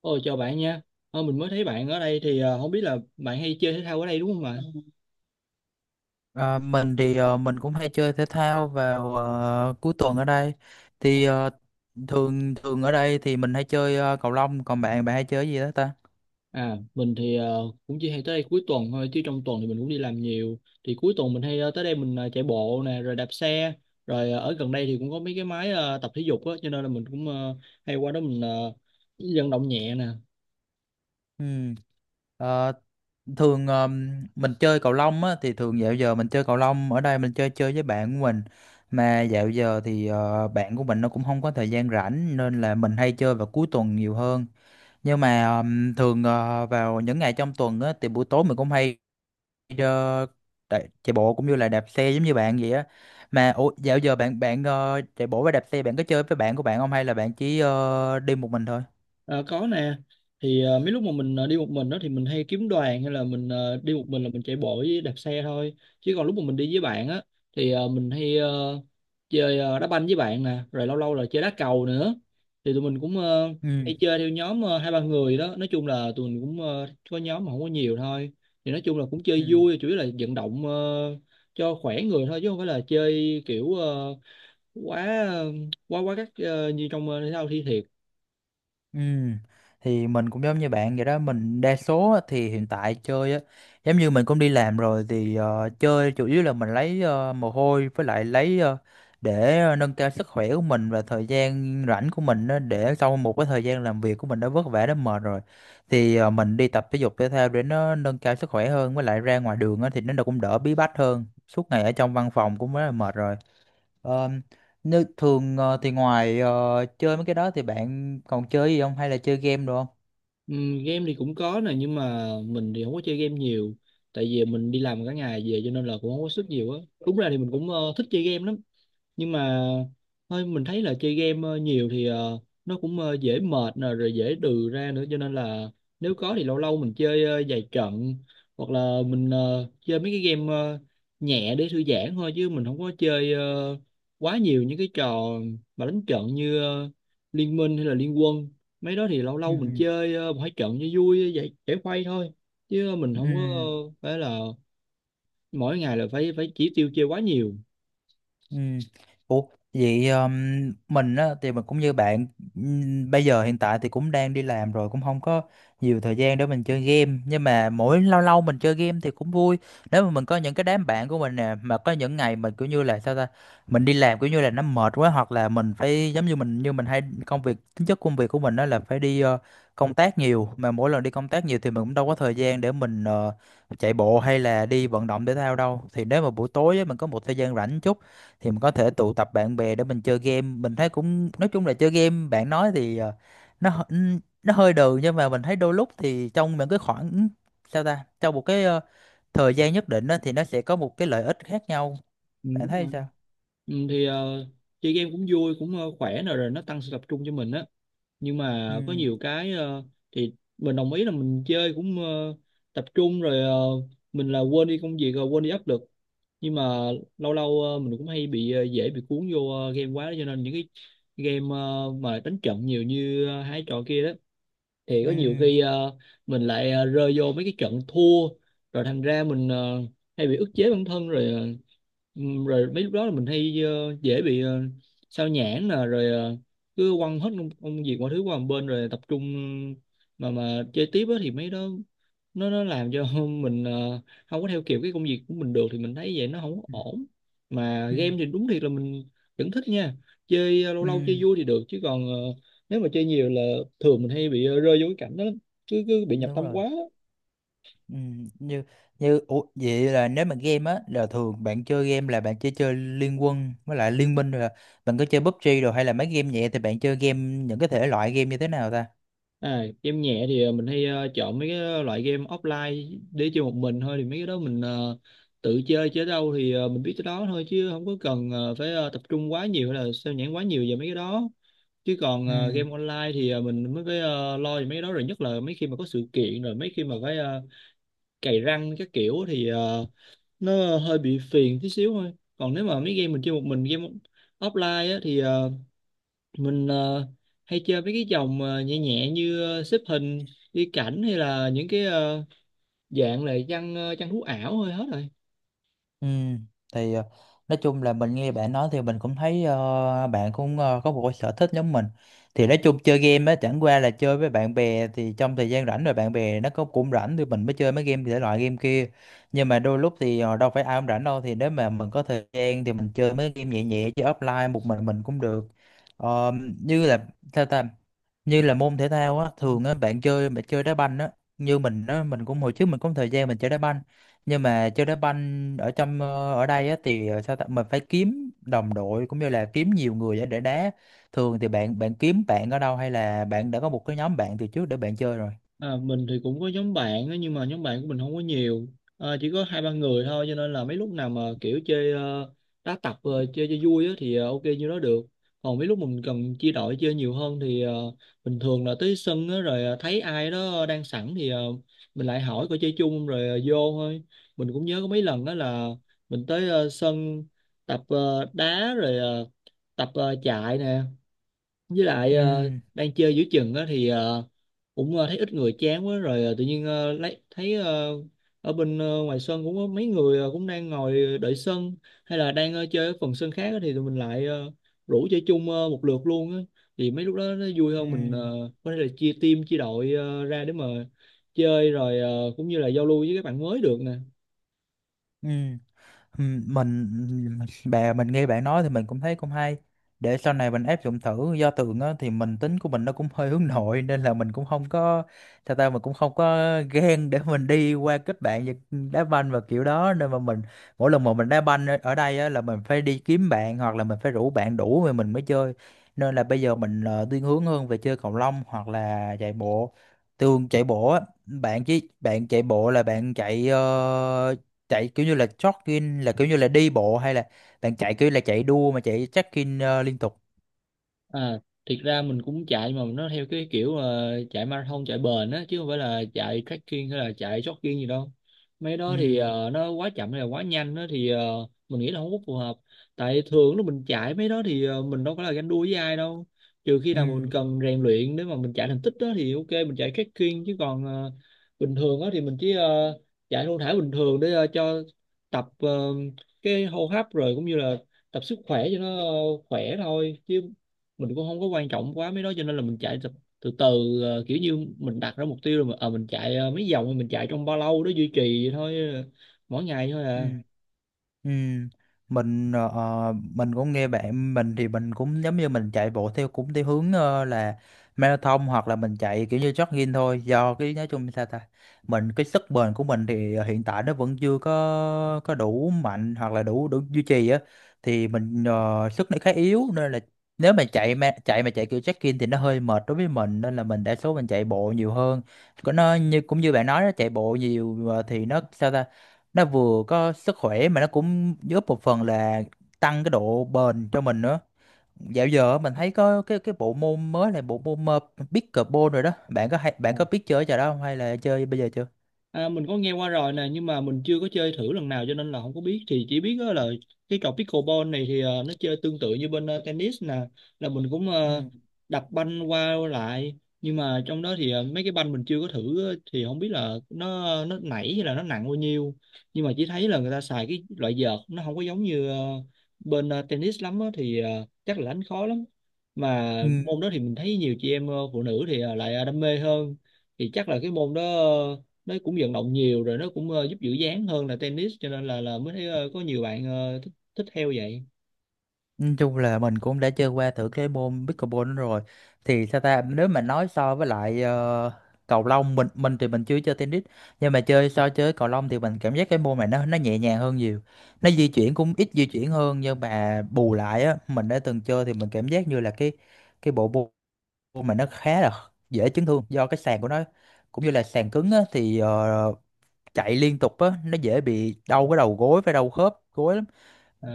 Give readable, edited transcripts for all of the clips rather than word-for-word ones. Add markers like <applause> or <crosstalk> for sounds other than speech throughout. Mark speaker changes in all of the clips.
Speaker 1: Ôi chào bạn nha. Mình mới thấy bạn ở đây thì không biết là bạn hay chơi thể thao ở đây đúng không ạ?
Speaker 2: À, mình thì mình cũng hay chơi thể thao vào cuối tuần ở đây thì thường thường ở đây thì mình hay chơi cầu lông, còn bạn bạn hay chơi cái gì đó ta?
Speaker 1: Mình thì cũng chỉ hay tới đây cuối tuần thôi chứ trong tuần thì mình cũng đi làm nhiều. Thì cuối tuần mình hay tới đây mình chạy bộ nè, rồi đạp xe, rồi ở gần đây thì cũng có mấy cái máy tập thể dục á, cho nên là mình cũng hay qua đó mình vận động nhẹ nè.
Speaker 2: Ừ. Ờ, thường mình chơi cầu lông á, thì thường dạo giờ mình chơi cầu lông ở đây mình chơi chơi với bạn của mình, mà dạo giờ thì bạn của mình nó cũng không có thời gian rảnh nên là mình hay chơi vào cuối tuần nhiều hơn, nhưng mà thường vào những ngày trong tuần á, thì buổi tối mình cũng hay uh, chạy bộ cũng như là đạp xe giống như bạn vậy á. Mà ủa, dạo giờ bạn bạn chạy bộ với đạp xe bạn có chơi với bạn của bạn không hay là bạn chỉ đi một mình thôi?
Speaker 1: Ờ, có nè, thì mấy lúc mà mình đi một mình đó thì mình hay kiếm đoàn, hay là mình đi một mình là mình chạy bộ với đạp xe thôi, chứ còn lúc mà mình đi với bạn á thì mình hay chơi đá banh với bạn nè, rồi lâu lâu là chơi đá cầu nữa. Thì tụi mình cũng
Speaker 2: Ừ.
Speaker 1: hay chơi theo nhóm hai ba người đó, nói chung là tụi mình cũng có nhóm mà không có nhiều thôi. Thì nói chung là cũng
Speaker 2: Ừ.
Speaker 1: chơi vui, chủ yếu là vận động cho khỏe người thôi, chứ không phải là chơi kiểu quá quá quá các như trong thể thao thi thiệt.
Speaker 2: Ừ. Thì mình cũng giống như bạn vậy đó, mình đa số á, thì hiện tại chơi á giống như mình cũng đi làm rồi thì chơi chủ yếu là mình lấy mồ hôi, với lại lấy để nâng cao sức khỏe của mình và thời gian rảnh của mình á, để sau một cái thời gian làm việc của mình đã vất vả đã mệt rồi thì mình đi tập thể dục thể thao để nó nâng cao sức khỏe hơn, với lại ra ngoài đường á, thì nó cũng đỡ bí bách hơn, suốt ngày ở trong văn phòng cũng rất là mệt rồi. Ờ, nếu thường thì ngoài chơi mấy cái đó thì bạn còn chơi gì không, hay là chơi game được không?
Speaker 1: Game thì cũng có nè, nhưng mà mình thì không có chơi game nhiều, tại vì mình đi làm cả ngày về cho nên là cũng không có sức nhiều á. Đúng ra thì mình cũng thích chơi game lắm, nhưng mà thôi, mình thấy là chơi game nhiều thì nó cũng dễ mệt nè, rồi dễ đừ ra nữa, cho nên là nếu có thì lâu lâu mình chơi vài trận, hoặc là mình chơi mấy cái game nhẹ để thư giãn thôi, chứ mình không có chơi quá nhiều những cái trò mà đánh trận như Liên Minh hay là Liên Quân. Mấy đó thì lâu lâu mình
Speaker 2: Ừ.
Speaker 1: chơi một hai trận cho vui, giải giải khuây thôi, chứ mình không có
Speaker 2: Ừ.
Speaker 1: phải là mỗi ngày là phải phải chỉ tiêu chơi quá nhiều.
Speaker 2: Ừ. Ủa vậy mình á thì mình cũng như bạn, bây giờ hiện tại thì cũng đang đi làm rồi cũng không có nhiều thời gian để mình chơi game, nhưng mà mỗi lâu lâu mình chơi game thì cũng vui. Nếu mà mình có những cái đám bạn của mình nè mà có những ngày mình kiểu như là sao ta, mình đi làm kiểu như là nó mệt quá, hoặc là mình phải giống như mình hay công việc tính chất công việc của mình đó là phải đi công tác nhiều, mà mỗi lần đi công tác nhiều thì mình cũng đâu có thời gian để mình chạy bộ hay là đi vận động thể thao đâu. Thì nếu mà buổi tối á, mình có một thời gian rảnh chút thì mình có thể tụ tập bạn bè để mình chơi game. Mình thấy cũng nói chung là chơi game bạn nói thì nó nó hơi đường, nhưng mà mình thấy đôi lúc thì trong những cái khoảng sao ta, trong một cái thời gian nhất định đó, thì nó sẽ có một cái lợi ích khác nhau.
Speaker 1: Ừ,
Speaker 2: Bạn
Speaker 1: đúng
Speaker 2: thấy
Speaker 1: rồi.
Speaker 2: sao?
Speaker 1: Ừ, thì chơi game cũng vui, cũng khỏe, rồi rồi nó tăng sự tập trung cho mình á, nhưng
Speaker 2: Ừ.
Speaker 1: mà có nhiều cái thì mình đồng ý là mình chơi cũng tập trung, rồi mình là quên đi công việc, rồi quên đi áp lực. Nhưng mà lâu lâu mình cũng hay bị dễ bị cuốn vô game quá, cho nên những cái game mà đánh trận nhiều như hai trò kia đó, thì có
Speaker 2: Ừ.
Speaker 1: nhiều khi mình lại rơi vô mấy cái trận thua, rồi thành ra mình hay bị ức chế bản thân, rồi rồi mấy lúc đó là mình hay dễ bị sao nhãng nè, rồi cứ quăng hết công việc mọi thứ qua một bên, rồi tập trung mà chơi tiếp á, thì mấy đó nó làm cho <laughs> mình không có theo kịp cái công việc của mình được, thì mình thấy vậy nó không có
Speaker 2: Ừ.
Speaker 1: ổn. Mà
Speaker 2: Ừ.
Speaker 1: game thì đúng thiệt là mình vẫn thích nha, chơi lâu
Speaker 2: Ừ,
Speaker 1: lâu chơi vui thì được, chứ còn nếu mà chơi nhiều là thường mình hay bị rơi vô cái cảnh đó lắm. Cứ cứ bị nhập
Speaker 2: đúng
Speaker 1: tâm
Speaker 2: rồi.
Speaker 1: quá á.
Speaker 2: Ừ. như như ủa, vậy là nếu mà game á là thường bạn chơi game là bạn chỉ chơi Liên Quân với lại Liên Minh rồi là bạn có chơi PUBG rồi, hay là mấy game nhẹ thì bạn chơi game những cái thể loại game như thế nào ta?
Speaker 1: À, game nhẹ thì mình hay chọn mấy cái loại game offline để chơi một mình thôi, thì mấy cái đó mình tự chơi chơi đâu thì mình biết tới đó thôi, chứ không có cần phải tập trung quá nhiều hay là sao nhãng quá nhiều về mấy cái đó. Chứ còn
Speaker 2: Ừ.
Speaker 1: game online thì mình mới phải lo về mấy cái đó, rồi nhất là mấy khi mà có sự kiện, rồi mấy khi mà phải cày răng các kiểu thì nó hơi bị phiền tí xíu thôi. Còn nếu mà mấy game mình chơi một mình, game offline á, thì mình hay chơi với cái dòng nhẹ nhẹ như xếp hình, đi cảnh, hay là những cái dạng là chăn thú ảo thôi, hết rồi.
Speaker 2: Ừ. Thì nói chung là mình nghe bạn nói thì mình cũng thấy bạn cũng có một cái sở thích giống mình. Thì nói chung chơi game á chẳng qua là chơi với bạn bè thì trong thời gian rảnh, rồi bạn bè nó có cũng rảnh thì mình mới chơi mấy game thể loại game kia. Nhưng mà đôi lúc thì đâu phải ai cũng rảnh đâu, thì nếu mà mình có thời gian thì mình chơi mấy game nhẹ nhẹ chứ offline một mình cũng được. Ờ, như là sao ta, như là môn thể thao á, thường á bạn chơi đá banh á, như mình á, mình cũng hồi trước mình cũng thời gian mình chơi đá banh, nhưng mà chơi đá banh ở trong ở đây á thì sao ta mình phải kiếm đồng đội cũng như là kiếm nhiều người để đá thường thì bạn bạn kiếm bạn ở đâu, hay là bạn đã có một cái nhóm bạn từ trước để bạn chơi rồi?
Speaker 1: À, mình thì cũng có nhóm bạn á, nhưng mà nhóm bạn của mình không có nhiều, à, chỉ có hai ba người thôi, cho nên là mấy lúc nào mà kiểu chơi uh, đá tập chơi cho vui á, thì ok như đó được. Còn mấy lúc mình cần chia đội chơi nhiều hơn thì bình thường là tới sân á, rồi thấy ai đó đang sẵn thì mình lại hỏi coi chơi chung không, rồi vô thôi. Mình cũng nhớ có mấy lần đó là mình tới sân tập đá, rồi tập chạy nè, với lại
Speaker 2: Ừ.
Speaker 1: đang chơi giữa chừng á, thì cũng thấy ít người chán quá, rồi tự nhiên lấy thấy ở bên ngoài sân cũng có mấy người cũng đang ngồi đợi sân, hay là đang chơi ở phần sân khác á, thì tụi mình lại rủ chơi chung một lượt luôn á. Thì mấy lúc đó nó vui
Speaker 2: Ừ.
Speaker 1: hơn, mình có thể là chia team, chia đội ra để mà chơi, rồi cũng như là giao lưu với các bạn mới được nè.
Speaker 2: Ừ. Mình mình nghe bạn nói thì mình cũng thấy cũng hay, để sau này mình áp dụng thử. Do tường á, thì mình tính của mình nó cũng hơi hướng nội nên là mình cũng không có sao ta, mình cũng không có ghen để mình đi qua kết bạn và đá banh và kiểu đó, nên mà mình mỗi lần mà mình đá banh ở ở đây á, là mình phải đi kiếm bạn hoặc là mình phải rủ bạn đủ rồi mình mới chơi. Nên là bây giờ mình thiên hướng hơn về chơi cầu lông hoặc là chạy bộ. Tường chạy bộ á, bạn chứ bạn chạy bộ là bạn chạy chạy kiểu như là jogging, là kiểu như là đi bộ, hay là bạn chạy kiểu là chạy đua mà chạy check-in liên tục?
Speaker 1: À, thiệt ra mình cũng chạy, mà nó theo cái kiểu chạy marathon, chạy bền á, chứ không phải là chạy trekking hay là chạy jogging gì đâu. Mấy đó thì
Speaker 2: Ừ.
Speaker 1: nó quá chậm hay là quá nhanh á, thì mình nghĩ là không có phù hợp. Tại thường lúc mình chạy mấy đó thì mình đâu phải là ganh đua với ai đâu, trừ khi
Speaker 2: Ừ.
Speaker 1: nào mà mình cần rèn luyện để mà mình chạy thành tích đó thì ok mình chạy trekking. Chứ còn bình thường á thì mình chỉ chạy thong thả bình thường để cho tập cái hô hấp, rồi cũng như là tập sức khỏe cho nó khỏe thôi, chứ mình cũng không có quan trọng quá mấy đó, cho nên là mình chạy từ từ, từ kiểu như mình đặt ra mục tiêu, rồi mà mình chạy mấy vòng, mình chạy trong bao lâu đó duy trì vậy thôi mỗi ngày thôi
Speaker 2: Ừ.
Speaker 1: à.
Speaker 2: Ừ. Mình mình cũng nghe bạn, mình thì mình cũng giống như mình chạy bộ theo cũng theo hướng là marathon, hoặc là mình chạy kiểu như jogging thôi, do cái nói chung sao ta, mình cái sức bền của mình thì hiện tại nó vẫn chưa có đủ mạnh hoặc là đủ đủ duy trì á, thì mình sức nó khá yếu, nên là nếu mà chạy kiểu jogging thì nó hơi mệt đối với mình, nên là mình đa số mình chạy bộ nhiều hơn. Có nó như cũng như bạn nói đó, chạy bộ nhiều thì nó sao ta, nó vừa có sức khỏe mà nó cũng giúp một phần là tăng cái độ bền cho mình nữa. Dạo giờ mình thấy có cái bộ môn mới là bộ môn pickleball rồi đó, bạn có hay bạn có biết chơi trò đó không, hay là chơi bây giờ chưa?
Speaker 1: À, mình có nghe qua rồi nè, nhưng mà mình chưa có chơi thử lần nào cho nên là không có biết. Thì chỉ biết á là cái trò pickleball này thì nó chơi tương tự như bên tennis nè, là mình cũng
Speaker 2: Ừ.
Speaker 1: đập banh qua lại, nhưng mà trong đó thì mấy cái banh mình chưa có thử á, thì không biết là nó nảy hay là nó nặng bao nhiêu. Nhưng mà chỉ thấy là người ta xài cái loại vợt nó không có giống như bên tennis lắm á, thì chắc là đánh khó lắm. Mà
Speaker 2: Ừ,
Speaker 1: môn đó thì mình thấy nhiều chị em phụ nữ thì lại đam mê hơn. Thì chắc là cái môn đó nó cũng vận động nhiều, rồi nó cũng giúp giữ dáng hơn là tennis, cho nên là mới thấy có nhiều bạn thích theo vậy.
Speaker 2: nói chung là mình cũng đã chơi qua thử cái môn pickleball đó rồi, thì sao ta nếu mà nói so với lại cầu lông, mình thì mình chưa chơi tennis, nhưng mà chơi so chơi cầu lông thì mình cảm giác cái môn này nó nhẹ nhàng hơn nhiều, nó di chuyển cũng ít di chuyển hơn, nhưng mà bù lại á mình đã từng chơi thì mình cảm giác như là cái bộ môn mà nó khá là dễ chấn thương, do cái sàn của nó cũng như là sàn cứng á, thì chạy liên tục á nó dễ bị đau cái đầu gối và đau khớp gối lắm.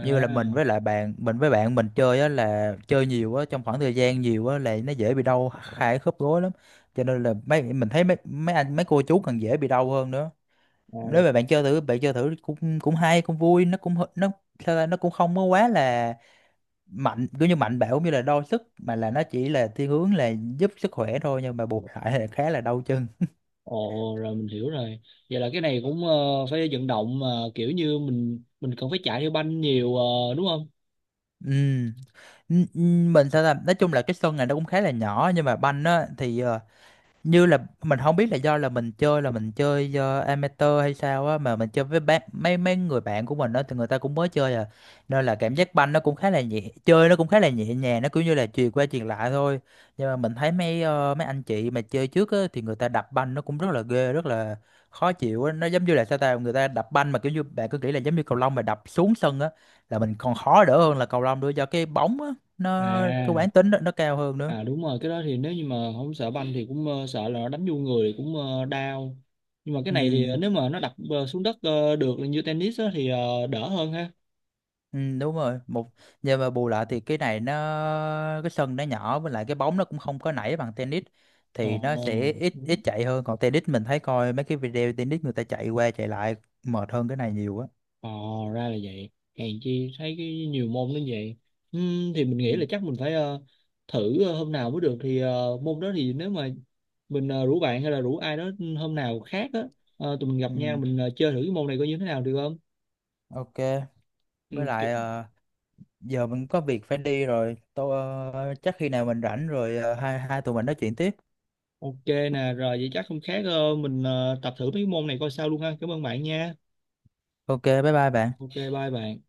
Speaker 2: Như là mình với lại bạn mình, với bạn mình chơi á là chơi nhiều á, trong khoảng thời gian nhiều á là nó dễ bị đau hai khớp gối lắm, cho nên là mấy mình thấy mấy mấy anh mấy cô chú còn dễ bị đau hơn nữa.
Speaker 1: à là
Speaker 2: Nếu mà bạn chơi thử cũng cũng hay cũng vui, nó cũng nó sao ta, nó cũng không có quá là mạnh kiểu như mạnh bạo cũng như là đo sức, mà là nó chỉ là thiên hướng là giúp sức khỏe thôi, nhưng mà bù lại là khá là đau chân.
Speaker 1: ồ, rồi mình hiểu rồi. Vậy là cái này cũng phải vận động mà, kiểu như mình cần phải chạy theo banh nhiều đúng không?
Speaker 2: Ừ. Mình sao ta nói chung là cái sân này nó cũng khá là nhỏ, nhưng mà banh á thì như là mình không biết là do là mình chơi do amateur hay sao á, mà mình chơi với bạn mấy mấy người bạn của mình đó thì người ta cũng mới chơi à, nên là cảm giác banh nó cũng khá là nhẹ, chơi nó cũng khá là nhẹ nhàng, nó cũng như là chuyền qua chuyền lại thôi. Nhưng mà mình thấy mấy mấy anh chị mà chơi trước á thì người ta đập banh nó cũng rất là ghê, rất là khó chịu á, nó giống như là sao ta, người ta đập banh mà kiểu như bạn cứ nghĩ là giống như cầu lông mà đập xuống sân á, là mình còn khó đỡ hơn là cầu lông nữa, do cái bóng á
Speaker 1: À,
Speaker 2: nó cái quán tính nó cao hơn nữa.
Speaker 1: à đúng rồi, cái đó thì nếu như mà không sợ banh thì cũng sợ là nó đánh vô người thì cũng đau. Nhưng mà cái
Speaker 2: Ừ.
Speaker 1: này thì nếu mà nó đập xuống đất được như tennis á, thì đỡ hơn ha.
Speaker 2: Ừ, đúng rồi. Một nhưng mà bù lại thì cái này nó cái sân nó nhỏ, với lại cái bóng nó cũng không có nảy bằng tennis,
Speaker 1: Ồ.
Speaker 2: thì nó sẽ ít ít chạy hơn, còn tennis mình thấy coi mấy cái video tennis người ta chạy qua chạy lại mệt hơn cái này nhiều á.
Speaker 1: Ờ, ra là vậy. Hèn chi thấy cái nhiều môn đến vậy. Thì mình
Speaker 2: Ừ.
Speaker 1: nghĩ là chắc mình phải thử hôm nào mới được. Thì môn đó thì nếu mà mình rủ bạn hay là rủ ai đó, ừ, hôm nào khác á, tụi mình
Speaker 2: Ừ,
Speaker 1: gặp nhau mình chơi thử cái môn này coi như thế nào được không?
Speaker 2: ok. Với
Speaker 1: Ừm,
Speaker 2: lại
Speaker 1: ki-
Speaker 2: giờ mình có việc phải đi rồi tôi, chắc khi nào mình rảnh rồi hai hai tụi mình nói chuyện tiếp.
Speaker 1: ok nè, rồi vậy chắc không khác mình tập thử mấy cái môn này coi sao luôn ha. Cảm ơn bạn nha.
Speaker 2: Ok, bye bye bạn.
Speaker 1: Ok, bye bạn.